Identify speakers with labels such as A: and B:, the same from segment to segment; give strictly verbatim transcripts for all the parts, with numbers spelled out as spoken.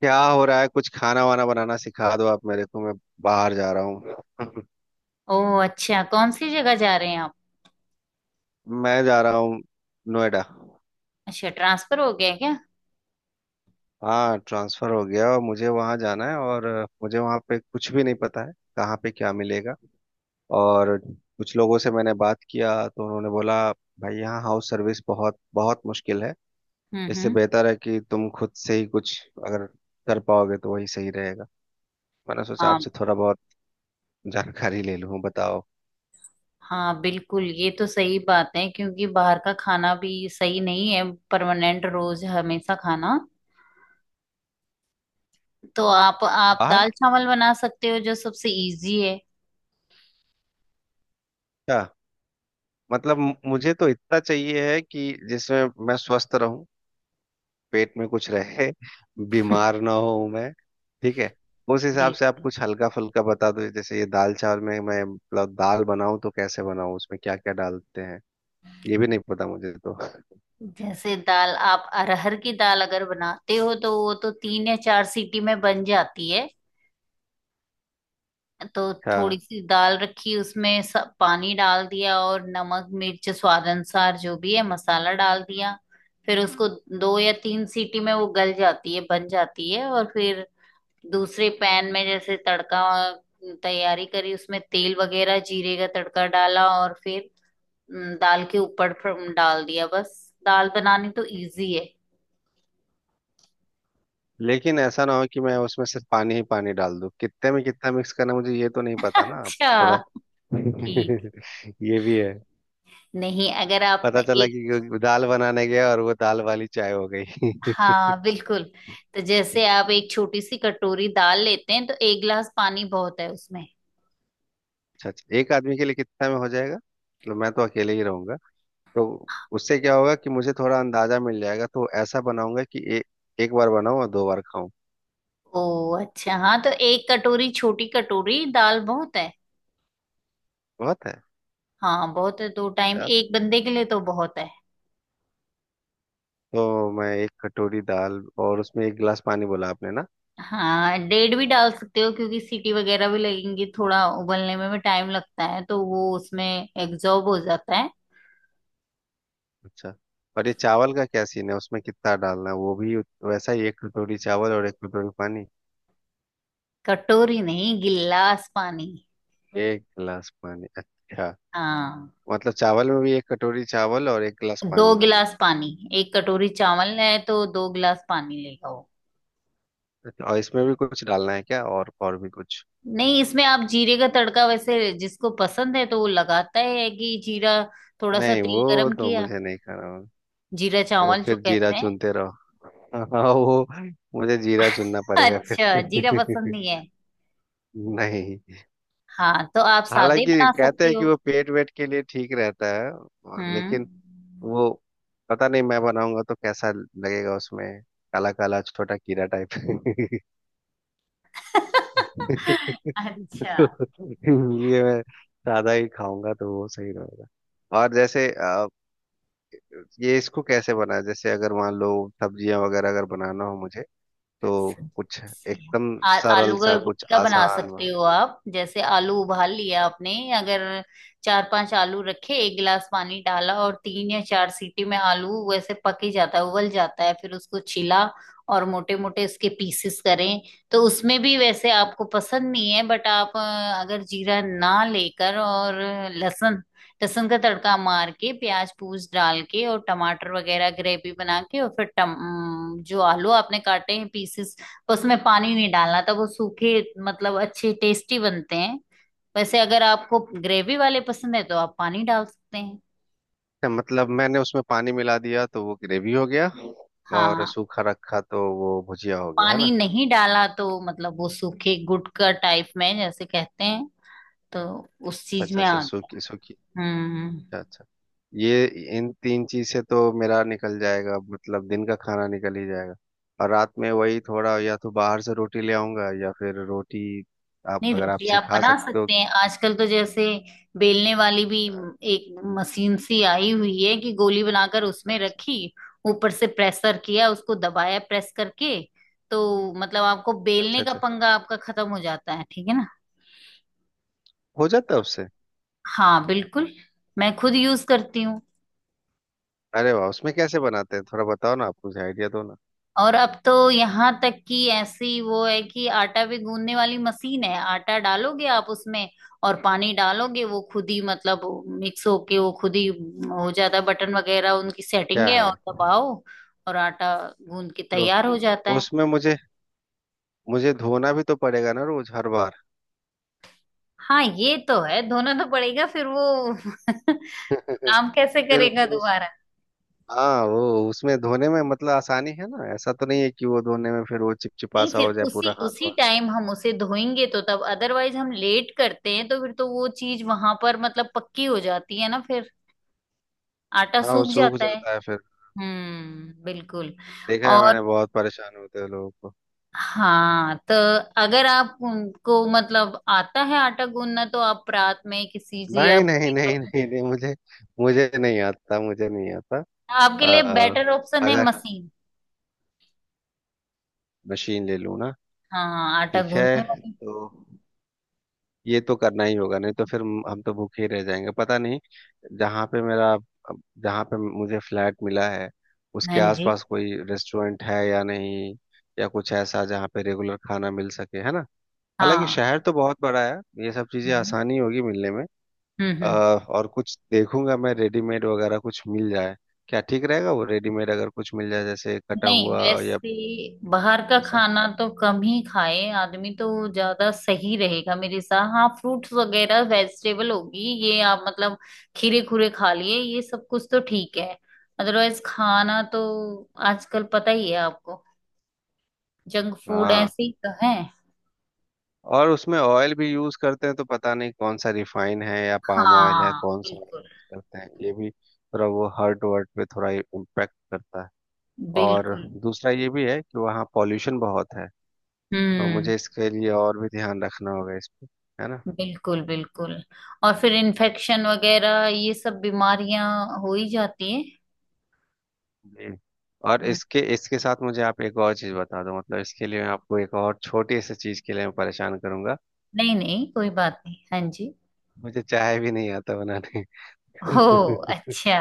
A: क्या हो रहा है? कुछ खाना वाना बनाना सिखा दो आप मेरे को। मैं बाहर जा रहा हूँ।
B: ओह अच्छा, कौन सी जगह जा रहे हैं आप।
A: मैं जा रहा हूँ नोएडा।
B: अच्छा, ट्रांसफर हो गया है क्या।
A: हाँ, ट्रांसफर हो गया और मुझे वहाँ जाना है। और मुझे वहाँ पे कुछ भी नहीं पता है कहाँ पे क्या मिलेगा। और कुछ लोगों से मैंने बात किया तो उन्होंने बोला, भाई यहाँ हाउस सर्विस बहुत बहुत मुश्किल है।
B: हम्म
A: इससे
B: हम्म
A: बेहतर है कि तुम खुद से ही कुछ अगर कर पाओगे तो वही सही रहेगा। मैंने सोचा
B: हाँ
A: आपसे थोड़ा बहुत जानकारी ले लूँ, बताओ।
B: हाँ बिल्कुल, ये तो सही बात है क्योंकि बाहर का खाना भी सही नहीं है परमानेंट रोज हमेशा खाना। तो आप आप
A: बाहर
B: दाल चावल बना सकते हो, जो सबसे इजी है।
A: क्या? मतलब मु- मुझे तो इतना चाहिए है कि जिसमें मैं स्वस्थ रहूं, पेट में कुछ रहे, बीमार ना हो मैं। ठीक है। उस हिसाब से आप
B: बिल्कुल।
A: कुछ हल्का फुल्का बता दो। जैसे ये दाल चावल में, मैं मतलब दाल बनाऊं तो कैसे बनाऊं? उसमें क्या क्या डालते हैं? ये भी नहीं पता मुझे तो।
B: जैसे दाल, आप अरहर की दाल अगर बनाते हो तो वो तो तीन या चार सीटी में बन जाती है। तो थोड़ी
A: हाँ,
B: सी दाल रखी, उसमें सब पानी डाल दिया और नमक मिर्च स्वाद अनुसार जो भी है मसाला डाल दिया। फिर उसको दो या तीन सीटी में वो गल जाती है, बन जाती है। और फिर दूसरे पैन में जैसे तड़का तैयारी करी, उसमें तेल वगैरह जीरे का तड़का डाला और फिर हम्म, दाल के ऊपर फिर डाल दिया बस। दाल बनानी तो इजी है।
A: लेकिन ऐसा ना हो कि मैं उसमें सिर्फ पानी ही पानी डाल दूं। कितने में कितना मिक्स करना, मुझे ये तो नहीं पता ना।
B: अच्छा,
A: थोड़ा
B: ठीक।
A: ये भी है।
B: नहीं, अगर आप
A: पता चला
B: एक।
A: कि दाल बनाने गया और वो दाल वाली चाय हो गई।
B: हाँ बिल्कुल, तो जैसे आप एक छोटी सी कटोरी दाल लेते हैं तो एक गिलास पानी बहुत है उसमें।
A: अच्छा अच्छा। एक आदमी के लिए कितना में हो जाएगा? मतलब मैं तो अकेले ही रहूंगा। तो उससे क्या होगा कि मुझे थोड़ा अंदाजा मिल जाएगा, तो ऐसा बनाऊंगा कि ए, एक बार बनाऊं और दो बार खाऊं।
B: ओ, अच्छा। हाँ, तो एक कटोरी, छोटी कटोरी दाल बहुत है।
A: बहुत है।
B: हाँ, बहुत है, दो टाइम
A: अच्छा।
B: एक बंदे के लिए तो बहुत है।
A: तो मैं एक कटोरी दाल और उसमें एक गिलास पानी, बोला आपने ना?
B: हाँ, डेढ़ भी डाल सकते हो क्योंकि सीटी वगैरह भी लगेंगी, थोड़ा उबलने में भी टाइम लगता है, तो वो उसमें एब्जॉर्ब हो जाता है।
A: अच्छा। और ये चावल का क्या सीन है? उसमें कितना डालना है? वो भी उत- वैसा ही, एक कटोरी चावल और एक कटोरी पानी?
B: कटोरी नहीं, गिलास पानी।
A: एक गिलास पानी, अच्छा।
B: हाँ,
A: मतलब चावल में भी एक कटोरी चावल और एक गिलास
B: दो
A: पानी?
B: गिलास पानी। एक कटोरी चावल है तो दो गिलास पानी लेगा वो।
A: अच्छा, और इसमें भी कुछ डालना है क्या? और और भी कुछ?
B: नहीं, इसमें आप जीरे का तड़का, वैसे जिसको पसंद है तो वो लगाता ही है कि जीरा, थोड़ा सा
A: नहीं,
B: तेल
A: वो
B: गरम
A: तो
B: किया।
A: मुझे नहीं खाना।
B: जीरा
A: वो
B: चावल जो
A: फिर जीरा
B: कहते हैं।
A: चुनते रहो। हाँ वो, मुझे जीरा चुनना पड़ेगा
B: अच्छा, जीरा
A: फिर।
B: पसंद नहीं है।
A: नहीं।
B: हाँ, तो आप सादे
A: हालांकि
B: बना
A: कहते
B: सकते
A: हैं कि
B: हो।
A: वो पेट वेट के लिए ठीक रहता है और-
B: हम्म।
A: लेकिन वो, पता नहीं मैं बनाऊंगा तो कैसा लगेगा उसमें। काला काला छोटा कीड़ा टाइप। तो
B: अच्छा,
A: इसलिए मैं सादा ही खाऊंगा तो वो सही रहेगा। और जैसे अ, ये इसको कैसे बनाया? जैसे अगर मान लो सब्जियां वगैरह अगर बनाना हो मुझे, तो कुछ एकदम
B: आ,
A: सरल
B: आलू
A: सा,
B: का
A: कुछ
B: गुटका बना
A: आसान
B: सकते
A: वा-
B: हो आप। जैसे आलू उबाल लिया
A: अच्छा।
B: आपने, अगर चार पांच आलू रखे, एक गिलास पानी डाला और तीन या चार सीटी में आलू वैसे पक ही जाता है, उबल जाता है। फिर उसको छिला और मोटे मोटे इसके पीसेस करें। तो उसमें भी वैसे आपको पसंद नहीं है बट आप, अ, अगर जीरा ना लेकर और लहसुन, लहसुन का तड़का मार के प्याज पूज डाल के और टमाटर वगैरह ग्रेवी बना के और फिर टम, जो आलू आपने काटे हैं पीसेस, उसमें पानी नहीं डालना, तब वो सूखे, मतलब अच्छे टेस्टी बनते हैं। वैसे अगर आपको ग्रेवी वाले पसंद है तो आप पानी डाल सकते हैं।
A: अच्छा, मतलब मैंने उसमें पानी मिला दिया तो वो ग्रेवी हो गया। और
B: हाँ।
A: सूखा रखा तो वो भुजिया हो गया है
B: पानी
A: ना।
B: नहीं डाला तो मतलब वो सूखे गुटका टाइप में जैसे कहते हैं, तो उस चीज
A: अच्छा
B: में
A: अच्छा,
B: आ
A: सूखी
B: गया।
A: सूखी।
B: हम्म।
A: अच्छा अच्छा। ये इन तीन चीज से तो मेरा निकल जाएगा, मतलब दिन का खाना निकल ही जाएगा। और रात में वही थोड़ा, या तो बाहर से रोटी ले आऊंगा या फिर रोटी आप
B: नहीं,
A: अगर आप
B: रोटी आप
A: सिखा
B: बना
A: सकते हो।
B: सकते हैं। आजकल तो जैसे बेलने वाली भी एक मशीन सी आई हुई है कि गोली बनाकर उसमें
A: अच्छा
B: रखी, ऊपर से प्रेशर किया, उसको दबाया, प्रेस करके। तो मतलब आपको बेलने
A: अच्छा।
B: का
A: अच्छा,
B: पंगा आपका खत्म हो जाता है, ठीक है ना।
A: हो जाता है उससे?
B: हाँ बिल्कुल, मैं खुद यूज करती हूँ।
A: अरे वाह, उसमें कैसे बनाते हैं? थोड़ा बताओ ना, आप कुछ आइडिया दो ना।
B: और अब तो यहाँ तक कि ऐसी वो है कि आटा भी गूंदने वाली मशीन है। आटा डालोगे आप उसमें और पानी डालोगे, वो खुद ही मतलब मिक्स होके वो खुद ही हो जाता है। बटन वगैरह उनकी सेटिंग
A: क्या
B: है और
A: है?
B: दबाओ, और आटा गूंद के
A: तो
B: तैयार हो जाता है।
A: उसमें मुझे, मुझे धोना भी तो पड़ेगा ना रोज हर बार?
B: हाँ, ये तो है, धोना तो पड़ेगा फिर वो काम कैसे
A: फिर
B: करेगा
A: वो,
B: दोबारा।
A: हाँ वो उसमें धोने में मतलब आसानी है ना? ऐसा तो नहीं है कि वो धोने में फिर वो चिपचिपा
B: नहीं,
A: सा हो
B: फिर
A: जाए
B: उसी
A: पूरा हाथ
B: उसी
A: वाथ?
B: टाइम हम उसे धोएंगे तो, तब अदरवाइज हम लेट करते हैं तो फिर तो वो चीज वहां पर मतलब पक्की हो जाती है ना फिर, आटा
A: हाँ वो
B: सूख
A: सूख
B: जाता है।
A: जाता है फिर।
B: हम्म बिल्कुल।
A: देखा है
B: और
A: मैंने, बहुत परेशान होते हैं लोगों को।
B: हाँ, तो अगर आप उनको मतलब आता है आटा गूंदना तो आप रात में किसी से या
A: नहीं नहीं
B: कोई पर-,
A: नहीं नहीं नहीं, मुझे, मुझे नहीं आता, मुझे नहीं आता।
B: आपके लिए
A: आ,
B: बेटर ऑप्शन है
A: अगर
B: मशीन।
A: मशीन ले लूँ ना?
B: हाँ, आटा
A: ठीक है।
B: गूंदने वाली।
A: तो ये तो करना ही होगा, नहीं तो फिर हम हम तो भूखे ही रह जाएंगे। पता नहीं जहाँ पे मेरा, जहाँ पे मुझे फ्लैट मिला है
B: हाँ
A: उसके
B: जी
A: आसपास कोई रेस्टोरेंट है या नहीं, या कुछ ऐसा जहाँ पे रेगुलर खाना मिल सके, है ना? हालांकि
B: हाँ।
A: शहर तो बहुत बड़ा है, ये सब चीजें
B: हम्म
A: आसानी होगी मिलने में।
B: हम्म
A: अ,
B: हम्म।
A: और कुछ देखूंगा मैं, रेडीमेड वगैरह कुछ मिल जाए क्या? ठीक रहेगा वो रेडीमेड अगर कुछ मिल जाए, जैसे कटा
B: नहीं
A: हुआ या
B: वैसे, बाहर का
A: ऐसा?
B: खाना तो कम ही खाए आदमी तो ज्यादा सही रहेगा मेरे साथ। हाँ, फ्रूट्स वगैरह वेजिटेबल होगी ये आप, मतलब खीरे खूरे खा लिए ये सब, कुछ तो ठीक है। अदरवाइज खाना तो आजकल पता ही है आपको, जंक फूड
A: हाँ।
B: ऐसे ही तो है।
A: और उसमें ऑयल भी यूज करते हैं तो पता नहीं कौन सा, रिफाइन है या पाम ऑयल है,
B: हाँ
A: कौन सा ऑयल
B: बिल्कुल,
A: यूज करते हैं। ये भी थोड़ा वो हार्ट वर्ट पे थोड़ा इम्पेक्ट करता है। और
B: बिल्कुल।
A: दूसरा ये भी है कि वहाँ पॉल्यूशन बहुत है। तो
B: हम्म,
A: मुझे इसके लिए और भी ध्यान रखना होगा इस पे, है ना?
B: बिल्कुल बिल्कुल। और फिर इन्फेक्शन वगैरह ये सब बीमारियां हो ही जाती है।
A: जी। और
B: हम्म,
A: इसके इसके साथ मुझे आप एक और चीज़ बता दो। मतलब इसके लिए मैं आपको एक और छोटी सी चीज़ के लिए मैं परेशान करूंगा।
B: नहीं नहीं, कोई बात नहीं, हाँ जी।
A: मुझे चाय भी नहीं आता बनाने।
B: हो, अच्छा।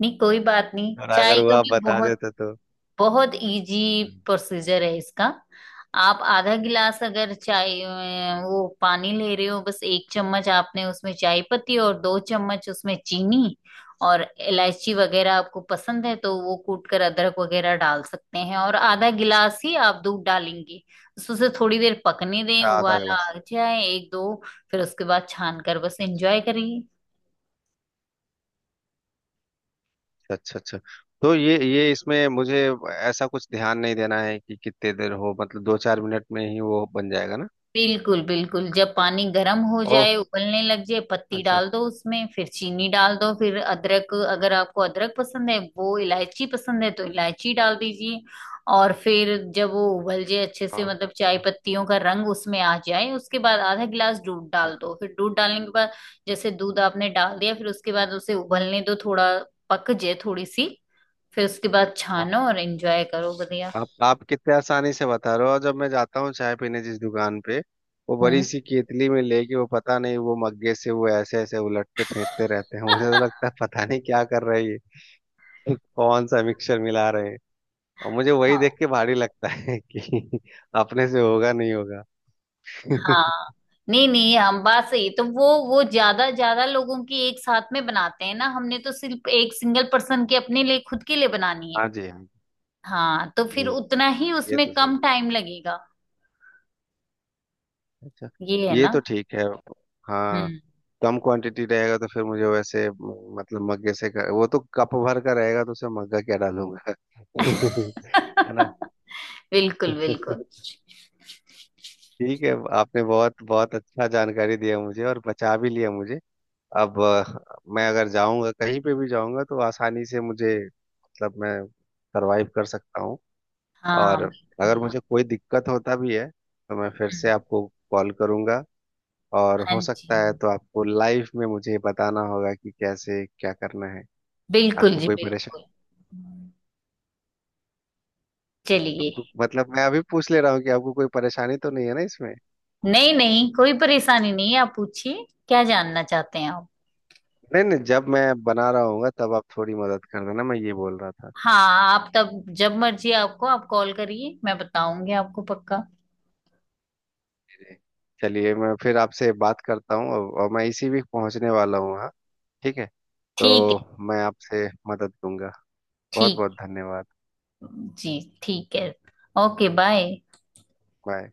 B: नहीं, कोई बात नहीं,
A: और अगर
B: चाय
A: वो
B: का
A: आप
B: भी
A: बता
B: बहुत
A: देते तो।
B: बहुत इजी प्रोसीजर है इसका। आप आधा गिलास अगर चाय, अ, वो पानी ले रहे हो, बस एक चम्मच आपने उसमें चाय पत्ती और दो चम्मच उसमें चीनी, और इलायची वगैरह आपको पसंद है तो वो कूट कर अदरक वगैरह डाल सकते हैं, और आधा गिलास ही आप दूध डालेंगे। बस उसे थोड़ी देर पकने दें,
A: आधा
B: उबाला
A: गिलास?
B: आ जाए एक दो, फिर उसके बाद छान कर बस एंजॉय करिए।
A: अच्छा अच्छा। तो ये ये इसमें मुझे ऐसा कुछ ध्यान नहीं देना है कि कितने देर हो? मतलब दो चार मिनट में ही वो बन जाएगा ना?
B: बिल्कुल बिल्कुल, जब पानी गर्म हो
A: ओह,
B: जाए, उबलने लग जाए, पत्ती
A: अच्छा।
B: डाल दो उसमें, फिर चीनी डाल दो, फिर अदरक अगर आपको अदरक पसंद है, वो इलायची पसंद है तो इलायची डाल दीजिए। और फिर जब वो उबल जाए अच्छे
A: हाँ।
B: से मतलब चाय
A: हाँ।
B: पत्तियों का रंग उसमें आ जाए, उसके बाद आधा गिलास दूध
A: हाँ,
B: डाल दो। फिर दूध डालने के बाद, जैसे दूध आपने डाल दिया, फिर उसके बाद उसे उबलने दो थोड़ा, पक जाए थोड़ी सी, फिर उसके बाद
A: हाँ।
B: छानो और एंजॉय करो बढ़िया।
A: आप आप कितने आसानी से बता रहे हो, और जब मैं जाता हूँ चाय पीने जिस दुकान पे, वो बड़ी
B: हम्म।
A: सी केतली में लेके वो, पता नहीं वो मग्गे से वो ऐसे ऐसे उलटते फेंटते रहते हैं। मुझे तो लगता है पता नहीं क्या कर रहे हैं ये। कौन सा मिक्सचर मिला रहे हैं। और मुझे वही
B: हाँ।
A: देख के भारी लगता है कि अपने से होगा नहीं होगा।
B: हाँ, नहीं नहीं, हम बात सही है। तो वो वो ज्यादा ज्यादा लोगों की एक साथ में बनाते हैं ना, हमने तो सिर्फ एक सिंगल पर्सन की, अपने लिए, खुद के लिए बनानी है।
A: हाँ जी हाँ।
B: हाँ, तो फिर
A: जी,
B: उतना ही
A: ये
B: उसमें
A: तो सही
B: कम
A: है।
B: टाइम लगेगा।
A: अच्छा।
B: ये है
A: ये
B: ना।
A: तो ठीक है। हाँ।
B: हम्म।
A: कम क्वांटिटी रहेगा तो फिर मुझे वैसे म- मतलब मग्गे से कर, वो तो कप भर का रहेगा तो उसमें मग्गा क्या डालूंगा। है ना?
B: बिल्कुल बिल्कुल।
A: ठीक है। आपने बहुत बहुत अच्छा जानकारी दिया मुझे, और बचा भी लिया मुझे। अब अ, मैं अगर जाऊंगा कहीं पे भी जाऊंगा तो आसानी से मुझे, मतलब मैं सरवाइव कर सकता हूँ।
B: हाँ
A: और
B: बिल्कुल।
A: अगर मुझे कोई दिक्कत होता भी है तो मैं फिर से
B: हम्म,
A: आपको कॉल करूंगा। और
B: हाँ
A: हो
B: जी,
A: सकता है तो आपको लाइफ में मुझे बताना होगा कि कैसे क्या करना है।
B: बिल्कुल
A: आपको
B: जी
A: कोई
B: बिल्कुल।
A: परेशानी,
B: चलिए।
A: आपको मतलब मैं अभी पूछ ले रहा हूँ कि आपको कोई परेशानी तो नहीं है ना इसमें?
B: नहीं नहीं, कोई परेशानी नहीं है, आप पूछिए, क्या जानना चाहते हैं आप।
A: नहीं नहीं, जब मैं बना रहा हूँगा तब आप थोड़ी मदद कर देना, मैं ये बोल रहा था।
B: हाँ, आप तब जब मर्जी आपको आप कॉल करिए, मैं बताऊंगी आपको पक्का।
A: जी। चलिए, मैं फिर आपसे बात करता हूँ। और और मैं इसी वीक पहुँचने वाला हूँ, हाँ। ठीक है।
B: ठीक
A: तो
B: है।
A: मैं आपसे मदद लूंगा। बहुत बहुत
B: ठीक।
A: धन्यवाद।
B: जी ठीक है। Okay, bye.
A: बाय।